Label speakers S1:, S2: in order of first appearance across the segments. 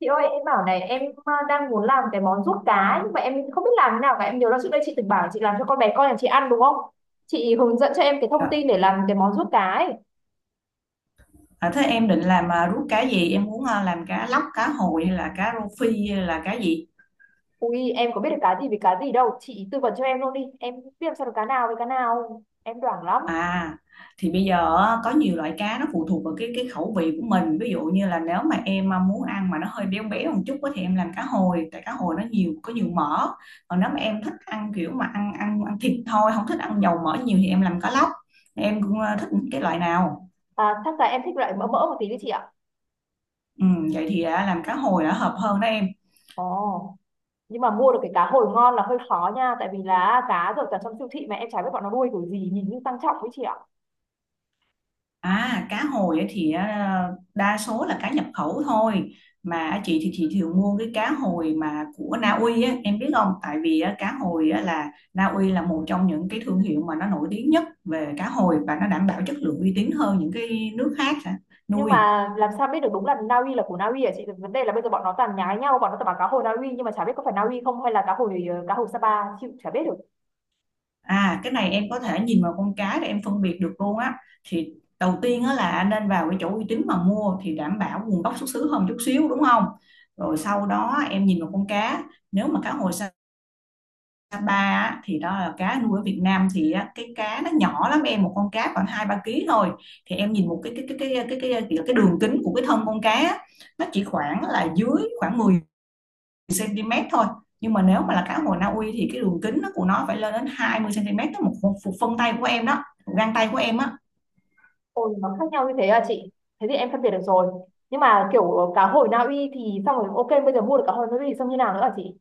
S1: Chị ơi, em bảo này, em đang muốn làm cái món ruốc cá, nhưng mà em không biết làm thế nào cả. Em nhớ là trước đây chị từng bảo chị làm cho con bé con nhà chị ăn, đúng không? Chị hướng dẫn cho em cái thông
S2: Dạ.
S1: tin để làm cái món ruốc cá ấy.
S2: Thế em định làm rút cá gì? Em muốn làm cá lóc, cá hồi hay là cá rô phi hay là cá gì?
S1: Ui, em có biết được cá gì với cá gì đâu, chị tư vấn cho em luôn đi, em biết làm sao được cá nào với cá nào, em đoảng lắm.
S2: À thì bây giờ á, có nhiều loại cá, nó phụ thuộc vào cái khẩu vị của mình. Ví dụ như là nếu mà em muốn ăn mà nó hơi béo béo một chút á, thì em làm cá hồi, tại cá hồi nó có nhiều mỡ. Còn nếu mà em thích ăn kiểu mà ăn ăn ăn thịt thôi, không thích ăn dầu mỡ nhiều thì em làm cá lóc. Em cũng thích cái loại nào?
S1: À, chắc là em thích loại mỡ mỡ một tí đi chị ạ.
S2: Ừ, vậy thì làm cá hồi đã hợp hơn đó em.
S1: Ồ. Nhưng mà mua được cái cá hồi ngon là hơi khó nha, tại vì là cá rồi cả trong siêu thị mà em chả biết bọn nó nuôi kiểu gì, nhìn như tăng trọng ấy chị ạ.
S2: À, cá hồi á thì đa số là cá nhập khẩu thôi, mà chị thì chị thường mua cái cá hồi mà của Na Uy á, em biết không? Tại vì á, cá hồi á, là Na Uy là một trong những cái thương hiệu mà nó nổi tiếng nhất về cá hồi và nó đảm bảo chất lượng uy tín hơn những cái nước khác hả?
S1: Nhưng
S2: Nuôi.
S1: mà làm sao biết được đúng là Na Uy, là của Na Uy hả chị? Vấn đề là bây giờ bọn nó toàn nhái nhau, bọn nó toàn bảo cá hồi Na Uy, nhưng mà chả biết có phải Na Uy không, hay là cá hồi cá hồi Sapa. Chịu, chả biết được.
S2: À, cái này em có thể nhìn vào con cá để em phân biệt được luôn á. Thì đầu tiên á, là nên vào cái chỗ uy tín mà mua thì đảm bảo nguồn gốc xuất xứ hơn chút xíu, đúng không? Rồi sau đó em nhìn vào con cá, nếu mà cá hồi Sapa á, thì đó là cá nuôi ở Việt Nam thì á, cái cá nó nhỏ lắm em, một con cá khoảng hai ba ký thôi, thì em nhìn một cái đường kính của cái thân con cá á, nó chỉ khoảng là dưới khoảng 10 cm thôi, nhưng mà nếu mà là cá hồi Na Uy thì cái đường kính của nó phải lên đến 20 cm đó, một phân tay của em đó, một gang tay của em á.
S1: Ôi, nó khác nhau như thế à chị? Thế thì em phân biệt được rồi. Nhưng mà kiểu cá hồi Na Uy thì xong rồi, ok, bây giờ mua được cá hồi Na Uy thì xong như nào nữa hả chị?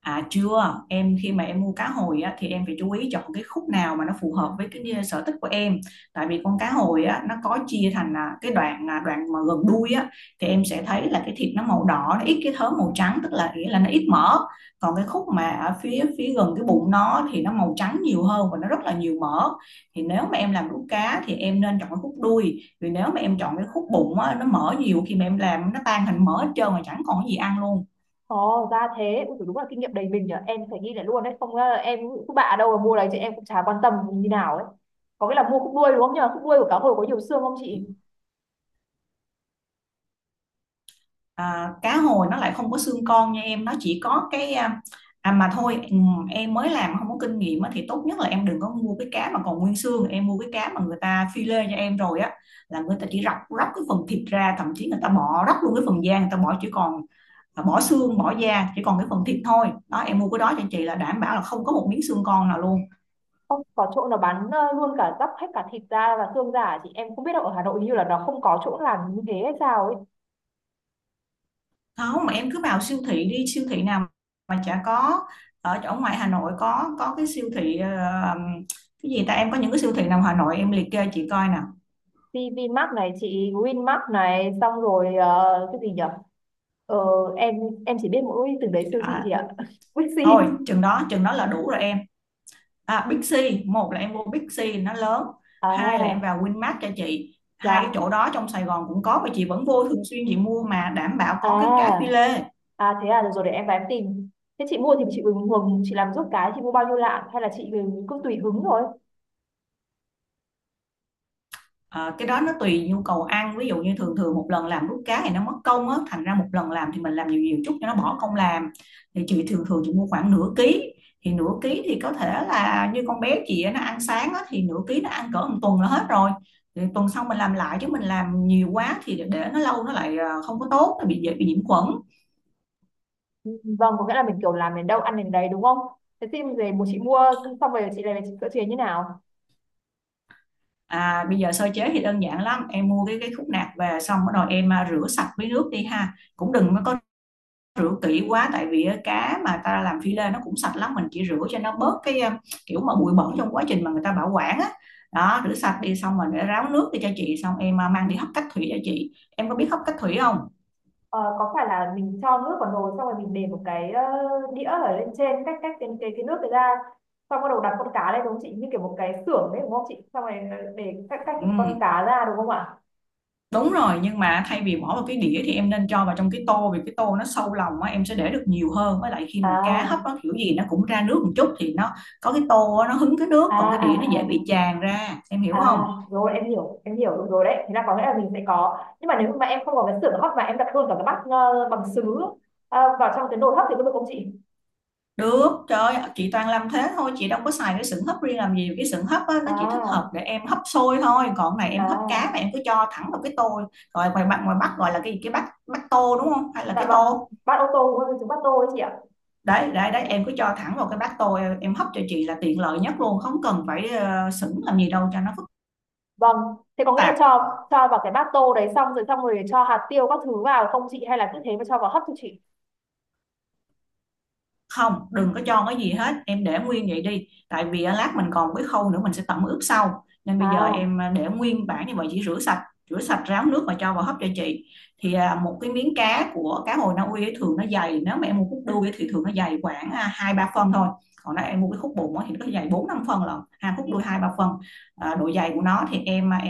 S2: À chưa, em khi mà em mua cá hồi á, thì em phải chú ý chọn cái khúc nào mà nó phù hợp với cái sở thích của em. Tại vì con cá hồi á, nó có chia thành cái đoạn đoạn mà gần đuôi á, thì em sẽ thấy là cái thịt nó màu đỏ, nó ít cái thớ màu trắng, tức là nghĩa là nó ít mỡ. Còn cái khúc mà ở phía phía gần cái bụng nó thì nó màu trắng nhiều hơn và nó rất là nhiều mỡ. Thì nếu mà em làm đũa cá thì em nên chọn cái khúc đuôi. Vì nếu mà em chọn cái khúc bụng á, nó mỡ nhiều, khi mà em làm nó tan thành mỡ hết trơn mà chẳng còn cái gì ăn luôn.
S1: Ồ ra thế. Ui, đúng là kinh nghiệm đầy mình nhở, em phải ghi lại luôn đấy, không em cứ bạ đâu mà mua đấy chị, em cũng chả quan tâm như nào ấy. Có nghĩa là mua khúc đuôi đúng không nhờ, khúc đuôi của cá hồi có nhiều xương không chị?
S2: À, cá hồi nó lại không có xương con nha em, nó chỉ có cái à mà thôi, em mới làm không có kinh nghiệm á, thì tốt nhất là em đừng có mua cái cá mà còn nguyên xương, em mua cái cá mà người ta phi lê cho em rồi á, là người ta chỉ róc róc cái phần thịt ra, thậm chí người ta bỏ róc luôn cái phần da người ta bỏ, chỉ còn bỏ xương bỏ da chỉ còn cái phần thịt thôi đó. Em mua cái đó cho chị là đảm bảo là không có một miếng xương con nào luôn.
S1: Không có chỗ nào bán luôn cả dóc hết cả thịt da và xương giả chị, em không biết đâu, ở Hà Nội hình như là nó không có chỗ làm như thế hay sao ấy.
S2: Không, mà em cứ vào siêu thị đi, siêu thị nào mà chả có. Ở chỗ ngoài Hà Nội có cái siêu thị cái gì ta, em có những cái siêu thị nào Hà Nội em liệt kê chị coi nào.
S1: PVmart này chị, Winmart này, xong rồi cái gì nhỉ, ờ, em chỉ biết mỗi từng đấy siêu thị chị
S2: À,
S1: ạ. Bixi.
S2: thôi chừng đó là đủ rồi em. À, Big C, một là em mua Big C nó lớn, hai là em
S1: À,
S2: vào Winmart cho chị. Hai cái
S1: dạ.
S2: chỗ đó trong Sài Gòn cũng có mà chị vẫn vô thường xuyên, chị mua mà đảm bảo
S1: À,
S2: có cái cá phi lê.
S1: à, thế à, được rồi, để em em tìm. Thế chị mua thì chị hứng hứng chị làm giúp cái, chị mua bao nhiêu lạng hay là chị ừ, cứ tùy hứng thôi?
S2: Ờ, cái đó nó tùy nhu cầu ăn, ví dụ như thường thường một lần làm đút cá thì nó mất công á, thành ra một lần làm thì mình làm nhiều nhiều chút cho nó bỏ công làm. Thì chị thường thường chị mua khoảng nửa ký, thì nửa ký thì có thể là như con bé chị á, nó ăn sáng á, thì nửa ký nó ăn cỡ một tuần là hết rồi. Thì tuần sau mình làm lại, chứ mình làm nhiều quá thì để nó lâu nó lại không có tốt, nó bị dễ bị nhiễm khuẩn.
S1: Ừ, ừ. Vâng, có nghĩa là mình kiểu làm đến đâu ăn đến đấy đúng không? Thế thì về một chị mua xong rồi chị lại về chị sửa chế như nào?
S2: À bây giờ sơ chế thì đơn giản lắm, em mua cái khúc nạc về xong bắt đầu em rửa sạch với nước đi ha, cũng đừng có rửa kỹ quá tại vì cá mà ta làm phi lê nó cũng sạch lắm, mình chỉ rửa cho nó bớt cái kiểu mà bụi bẩn trong quá trình mà người ta bảo quản á. Đó, rửa sạch đi xong rồi để ráo nước đi cho chị, xong em mang đi hấp cách thủy cho chị. Em có biết hấp cách thủy không?
S1: Ờ, có phải là mình cho nước vào nồi xong rồi mình để một cái đĩa ở lên trên, cách cách cái nước đấy ra, xong bắt đầu đặt con cá lên đúng không chị, như kiểu một cái xưởng đấy đúng không chị, xong rồi để cách cách cái con
S2: Ừ,
S1: cá ra đúng không ạ?
S2: đúng rồi, nhưng mà thay vì bỏ vào cái đĩa thì em nên cho vào trong cái tô, vì cái tô nó sâu lòng á, em sẽ để được nhiều hơn, với lại khi mà cá hấp
S1: À,
S2: nó kiểu gì nó cũng ra nước một chút, thì nó có cái tô á, nó hứng cái nước,
S1: à,
S2: còn cái
S1: à,
S2: đĩa nó dễ
S1: à,
S2: bị tràn ra, em hiểu không?
S1: à, rồi em hiểu, em hiểu được rồi đấy. Thế là có nghĩa là mình sẽ có, nhưng mà nếu mà em không có cái xưởng hấp mà em đặt luôn cả cái bát bằng sứ vào trong cái nồi hấp thì có được không chị?
S2: Được, trời ơi, chị toàn làm thế thôi, chị đâu có xài cái sừng hấp riêng làm gì, cái sừng hấp á, nó chỉ thích hợp
S1: À,
S2: để em hấp xôi thôi, còn cái này em hấp cá mà
S1: à,
S2: em cứ cho thẳng vào cái tô, rồi ngoài bạn ngoài Bắc gọi là cái gì, cái bát bát tô đúng không, hay là
S1: dạ
S2: cái
S1: vâng,
S2: tô,
S1: bát ô tô đúng không chứ bát tô đấy chị ạ.
S2: đấy, đấy, đấy, em cứ cho thẳng vào cái bát tô, em hấp cho chị là tiện lợi nhất luôn, không cần phải sửng làm gì đâu cho nó phức
S1: Vâng, thế có nghĩa là
S2: tạp.
S1: cho vào cái bát tô đấy xong rồi, cho hạt tiêu các thứ vào không chị, hay là cứ thế mà cho vào hấp cho chị?
S2: Không, đừng có cho cái gì hết, em để nguyên vậy đi, tại vì lát mình còn cái khâu nữa mình sẽ tẩm ướp sau, nên bây giờ
S1: À,
S2: em để nguyên bản như vậy, chỉ rửa sạch ráo nước và cho vào hấp cho chị. Thì một cái miếng cá của cá hồi Na Uy ấy, thường nó dày, nếu mà em mua khúc đuôi ấy, thì thường nó dày khoảng hai ba phân thôi, còn nếu em mua cái khúc bụng ấy, thì nó dày bốn năm phân lận, hai khúc đuôi hai ba phân. À, độ dày của nó thì em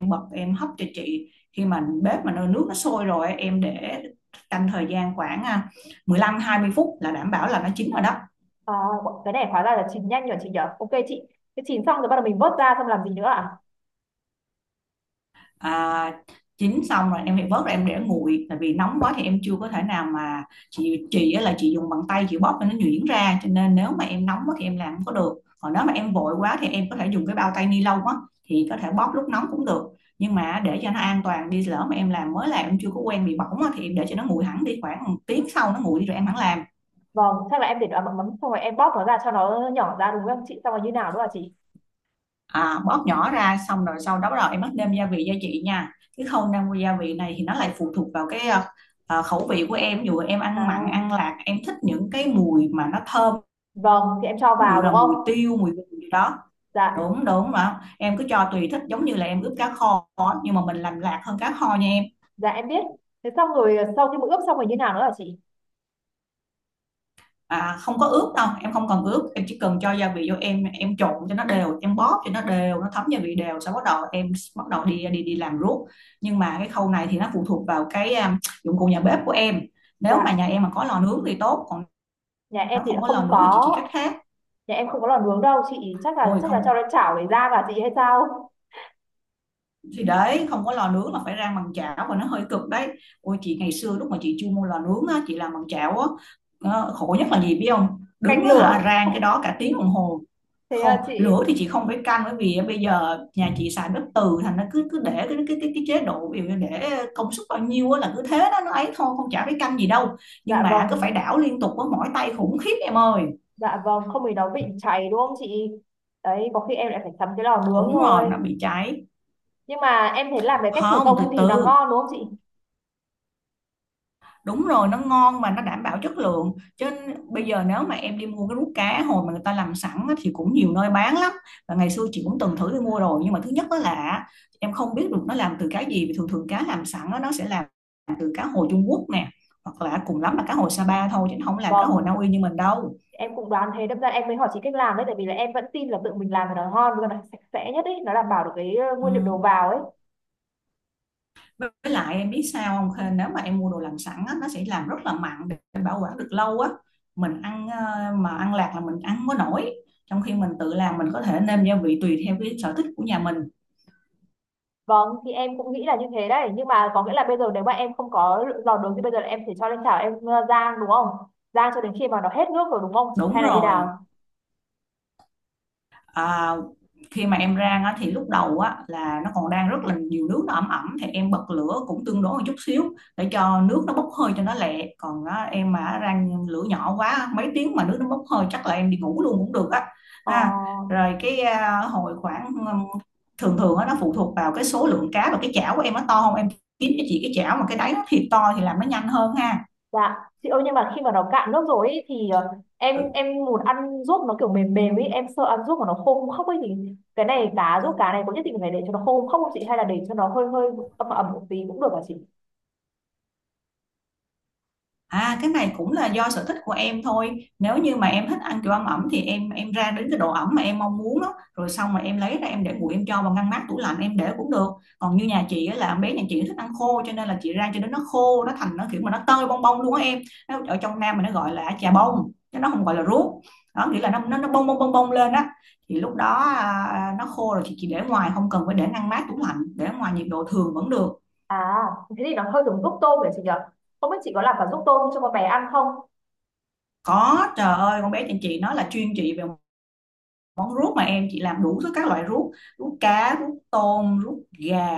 S2: bật em hấp cho chị. Khi mà bếp mà nồi nước nó sôi rồi em để canh thời gian khoảng 15 20 phút là đảm bảo là nó chín rồi đó.
S1: à, cái này hóa ra là chín nhanh nhỉ chị nhở. Ok chị, cái chín xong rồi bắt đầu mình vớt ra xong làm gì nữa à?
S2: À, chín xong rồi em phải vớt ra em để nguội, tại vì nóng quá thì em chưa có thể nào mà chị là chị dùng bàn tay chị bóp cho nó nhuyễn ra, cho nên nếu mà em nóng quá thì em làm không có được. Còn nếu mà em vội quá thì em có thể dùng cái bao tay ni lông á, thì có thể bóp lúc nóng cũng được, nhưng mà để cho nó an toàn đi, lỡ mà em mới làm em chưa có quen bị bỏng á, thì em để cho nó nguội hẳn đi, khoảng một tiếng sau nó nguội đi rồi em hẳn làm.
S1: Vâng, chắc là em để nó mắm mắm xong rồi em bóp nó ra cho nó nhỏ ra đúng không chị? Xong rồi như nào nữa à chị?
S2: À, bóp nhỏ ra xong rồi sau đó bắt đầu em bắt nêm gia vị cho chị nha. Cái khâu nêm gia vị này thì nó lại phụ thuộc vào cái khẩu vị của em, ví dụ em ăn mặn ăn
S1: À,
S2: lạc em thích những cái mùi mà nó thơm,
S1: vâng, thì em cho
S2: ví dụ
S1: vào đúng
S2: là
S1: không?
S2: mùi tiêu mùi gừng gì đó. Ừ.
S1: Dạ,
S2: Đúng đúng, mà em cứ cho tùy thích, giống như là em ướp cá kho á, nhưng mà mình làm lạc hơn cá kho nha em.
S1: dạ em biết. Thế xong rồi sau khi mà ướp xong rồi như nào nữa à chị?
S2: Không có ướp đâu em, không cần ướp, em chỉ cần cho gia vị vô, em trộn cho nó đều, em bóp cho nó đều, nó thấm gia vị đều, sau bắt đầu em bắt đầu đi đi đi làm ruốc. Nhưng mà cái khâu này thì nó phụ thuộc vào dụng cụ nhà bếp của em. Nếu mà
S1: Dạ,
S2: nhà em mà có lò nướng thì tốt, còn
S1: nhà em
S2: nếu
S1: thì đã
S2: không có lò
S1: không
S2: nướng thì chị
S1: có,
S2: chỉ cách khác.
S1: nhà em không có lò nướng đâu chị, chắc là
S2: Ôi
S1: chắc là cho
S2: không,
S1: nó chảo để ra và chị hay sao?
S2: thì đấy, không có lò nướng là phải rang bằng chảo và nó hơi cực đấy. Ôi chị ngày xưa lúc mà chị chưa mua lò nướng á, chị làm bằng chảo á, khổ nhất là gì biết không, đứng
S1: Canh
S2: á
S1: lửa.
S2: hả, rang cái đó cả tiếng đồng hồ.
S1: Thế
S2: Không,
S1: là chị,
S2: lửa thì chị không phải canh, bởi vì bây giờ nhà chị xài bếp từ, thành nó cứ cứ để cái chế độ, ví dụ như để công suất bao nhiêu á là cứ thế đó nó ấy thôi, không chả phải canh gì đâu. Nhưng
S1: dạ
S2: mà cứ phải
S1: vâng,
S2: đảo liên tục, với mỏi tay khủng khiếp em ơi.
S1: dạ vâng, không thì nó bị cháy đúng không chị, đấy có khi em lại phải sắm cái lò nướng
S2: Đúng rồi,
S1: thôi.
S2: nó bị cháy.
S1: Nhưng mà em thấy làm cái cách thủ
S2: Không,
S1: công
S2: từ
S1: thì nó
S2: từ.
S1: ngon đúng không chị?
S2: Đúng rồi, nó ngon mà nó đảm bảo chất lượng. Chứ bây giờ nếu mà em đi mua cái rút cá hồi mà người ta làm sẵn á, thì cũng nhiều nơi bán lắm. Và ngày xưa chị cũng từng thử đi mua rồi, nhưng mà thứ nhất đó là em không biết được nó làm từ cá gì, vì thường thường cá làm sẵn á, nó sẽ làm từ cá hồi Trung Quốc nè, hoặc là cùng lắm là cá hồi Sapa thôi, chứ nó không làm cá hồi Na
S1: Vâng,
S2: Uy như mình đâu.
S1: em cũng đoán thế, đâm ra em mới hỏi chị cách làm đấy, tại vì là em vẫn tin là tự mình làm thì nó ngon và nó sạch sẽ nhất ấy, nó đảm bảo được cái
S2: Ừ,
S1: nguyên liệu đầu vào ấy.
S2: với lại em biết sao không Khê? Nếu mà em mua đồ làm sẵn á, nó sẽ làm rất là mặn để bảo quản được lâu á, mình ăn mà ăn lạc là mình ăn không có nổi, trong khi mình tự làm mình có thể nêm gia vị tùy theo cái sở thích của nhà mình.
S1: Vâng, thì em cũng nghĩ là như thế đấy. Nhưng mà có nghĩa là bây giờ nếu mà em không có lò nướng thì bây giờ là em phải cho lên chảo em rang đúng không, rang cho đến khi mà nó hết nước rồi đúng không chị,
S2: Đúng
S1: hay là như nào?
S2: rồi. à, Khi mà em rang á, thì lúc đầu á, là nó còn đang rất là nhiều nước, nó ẩm ẩm, thì em bật lửa cũng tương đối một chút xíu, để cho nước nó bốc hơi cho nó lẹ. Còn á, em mà rang lửa nhỏ quá mấy tiếng mà nước nó bốc hơi, chắc là em đi ngủ luôn cũng được á.
S1: Ờ.
S2: Ha, rồi cái à, hồi khoảng thường thường á, nó phụ thuộc vào cái số lượng cá và cái chảo của em nó to không em, kiếm cho chị cái chảo mà cái đáy nó thiệt to thì làm nó nhanh hơn ha.
S1: Dạ, chị ơi, nhưng mà khi mà nó cạn nước rồi ấy thì em
S2: Ừ.
S1: muốn ăn ruốc nó kiểu mềm mềm ấy, em sợ ăn ruốc mà nó khô không khóc ấy thì cái này cá ruốc cá này có nhất định phải để cho nó khô không khóc không chị, hay là để cho nó hơi hơi ẩm ẩm một tí cũng được hả chị?
S2: À, cái này cũng là do sở thích của em thôi. Nếu như mà em thích ăn kiểu ăn ẩm thì em ra đến cái độ ẩm mà em mong muốn đó, rồi xong mà em lấy ra em để nguội, em cho vào ngăn mát tủ lạnh em để cũng được. Còn như nhà chị á, là bé nhà chị thích ăn khô, cho nên là chị rang cho đến nó khô, nó thành nó kiểu mà nó tơi bong bong luôn á em. Nó, ở trong Nam mình nó gọi là chà bông, chứ nó không gọi là ruốc. Đó, nghĩa là nó bong bong bong bong lên á. Thì lúc đó nó khô rồi, chị chỉ để ngoài, không cần phải để ngăn mát tủ lạnh, để ngoài nhiệt độ thường vẫn được.
S1: À, thế thì nó hơi giống ruốc tôm đấy chị nhỉ? Không biết chị có làm cả ruốc tôm cho con bé ăn không?
S2: Có, trời ơi, con bé nhà chị nó là chuyên về món ruốc mà em, chị làm đủ thứ các loại ruốc, ruốc cá, ruốc tôm, ruốc gà,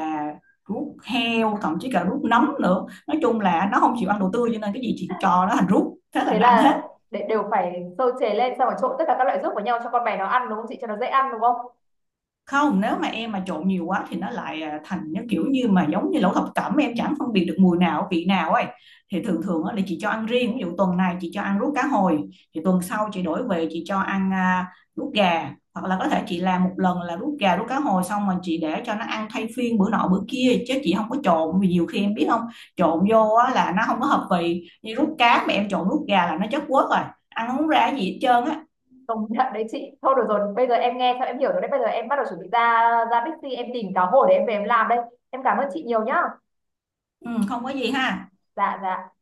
S2: ruốc heo, thậm chí cả ruốc nấm nữa. Nói chung là nó không chịu ăn đồ tươi, cho nên cái gì chị cũng cho nó thành ruốc, thế là
S1: Thế
S2: nó ăn hết.
S1: là để đều phải sơ chế lên xong rồi trộn tất cả các loại ruốc vào nhau cho con bé nó ăn đúng không chị? Cho nó dễ ăn đúng không?
S2: Không, nếu mà em mà trộn nhiều quá thì nó lại thành nó kiểu như mà giống như lẩu thập cẩm, em chẳng phân biệt được mùi nào vị nào ấy. Thì thường thường á, là chị cho ăn riêng, ví dụ tuần này chị cho ăn ruốc cá hồi, thì tuần sau chị đổi về chị cho ăn ruốc gà, hoặc là có thể chị làm một lần là ruốc gà, ruốc cá hồi, xong rồi chị để cho nó ăn thay phiên bữa nọ bữa kia, chứ chị không có trộn. Vì nhiều khi em biết không, trộn vô á, là nó không có hợp vị, như ruốc cá mà em trộn ruốc gà là nó chất quất rồi, ăn không ra gì hết trơn á.
S1: Công nhận đấy chị, thôi được rồi, bây giờ em nghe xong em hiểu rồi đấy, bây giờ em bắt đầu chuẩn bị ra ra Bixi em tìm cá hồi để em về em làm đây. Em cảm ơn chị nhiều nhá.
S2: Ừ, không có gì ha.
S1: Dạ, dạ.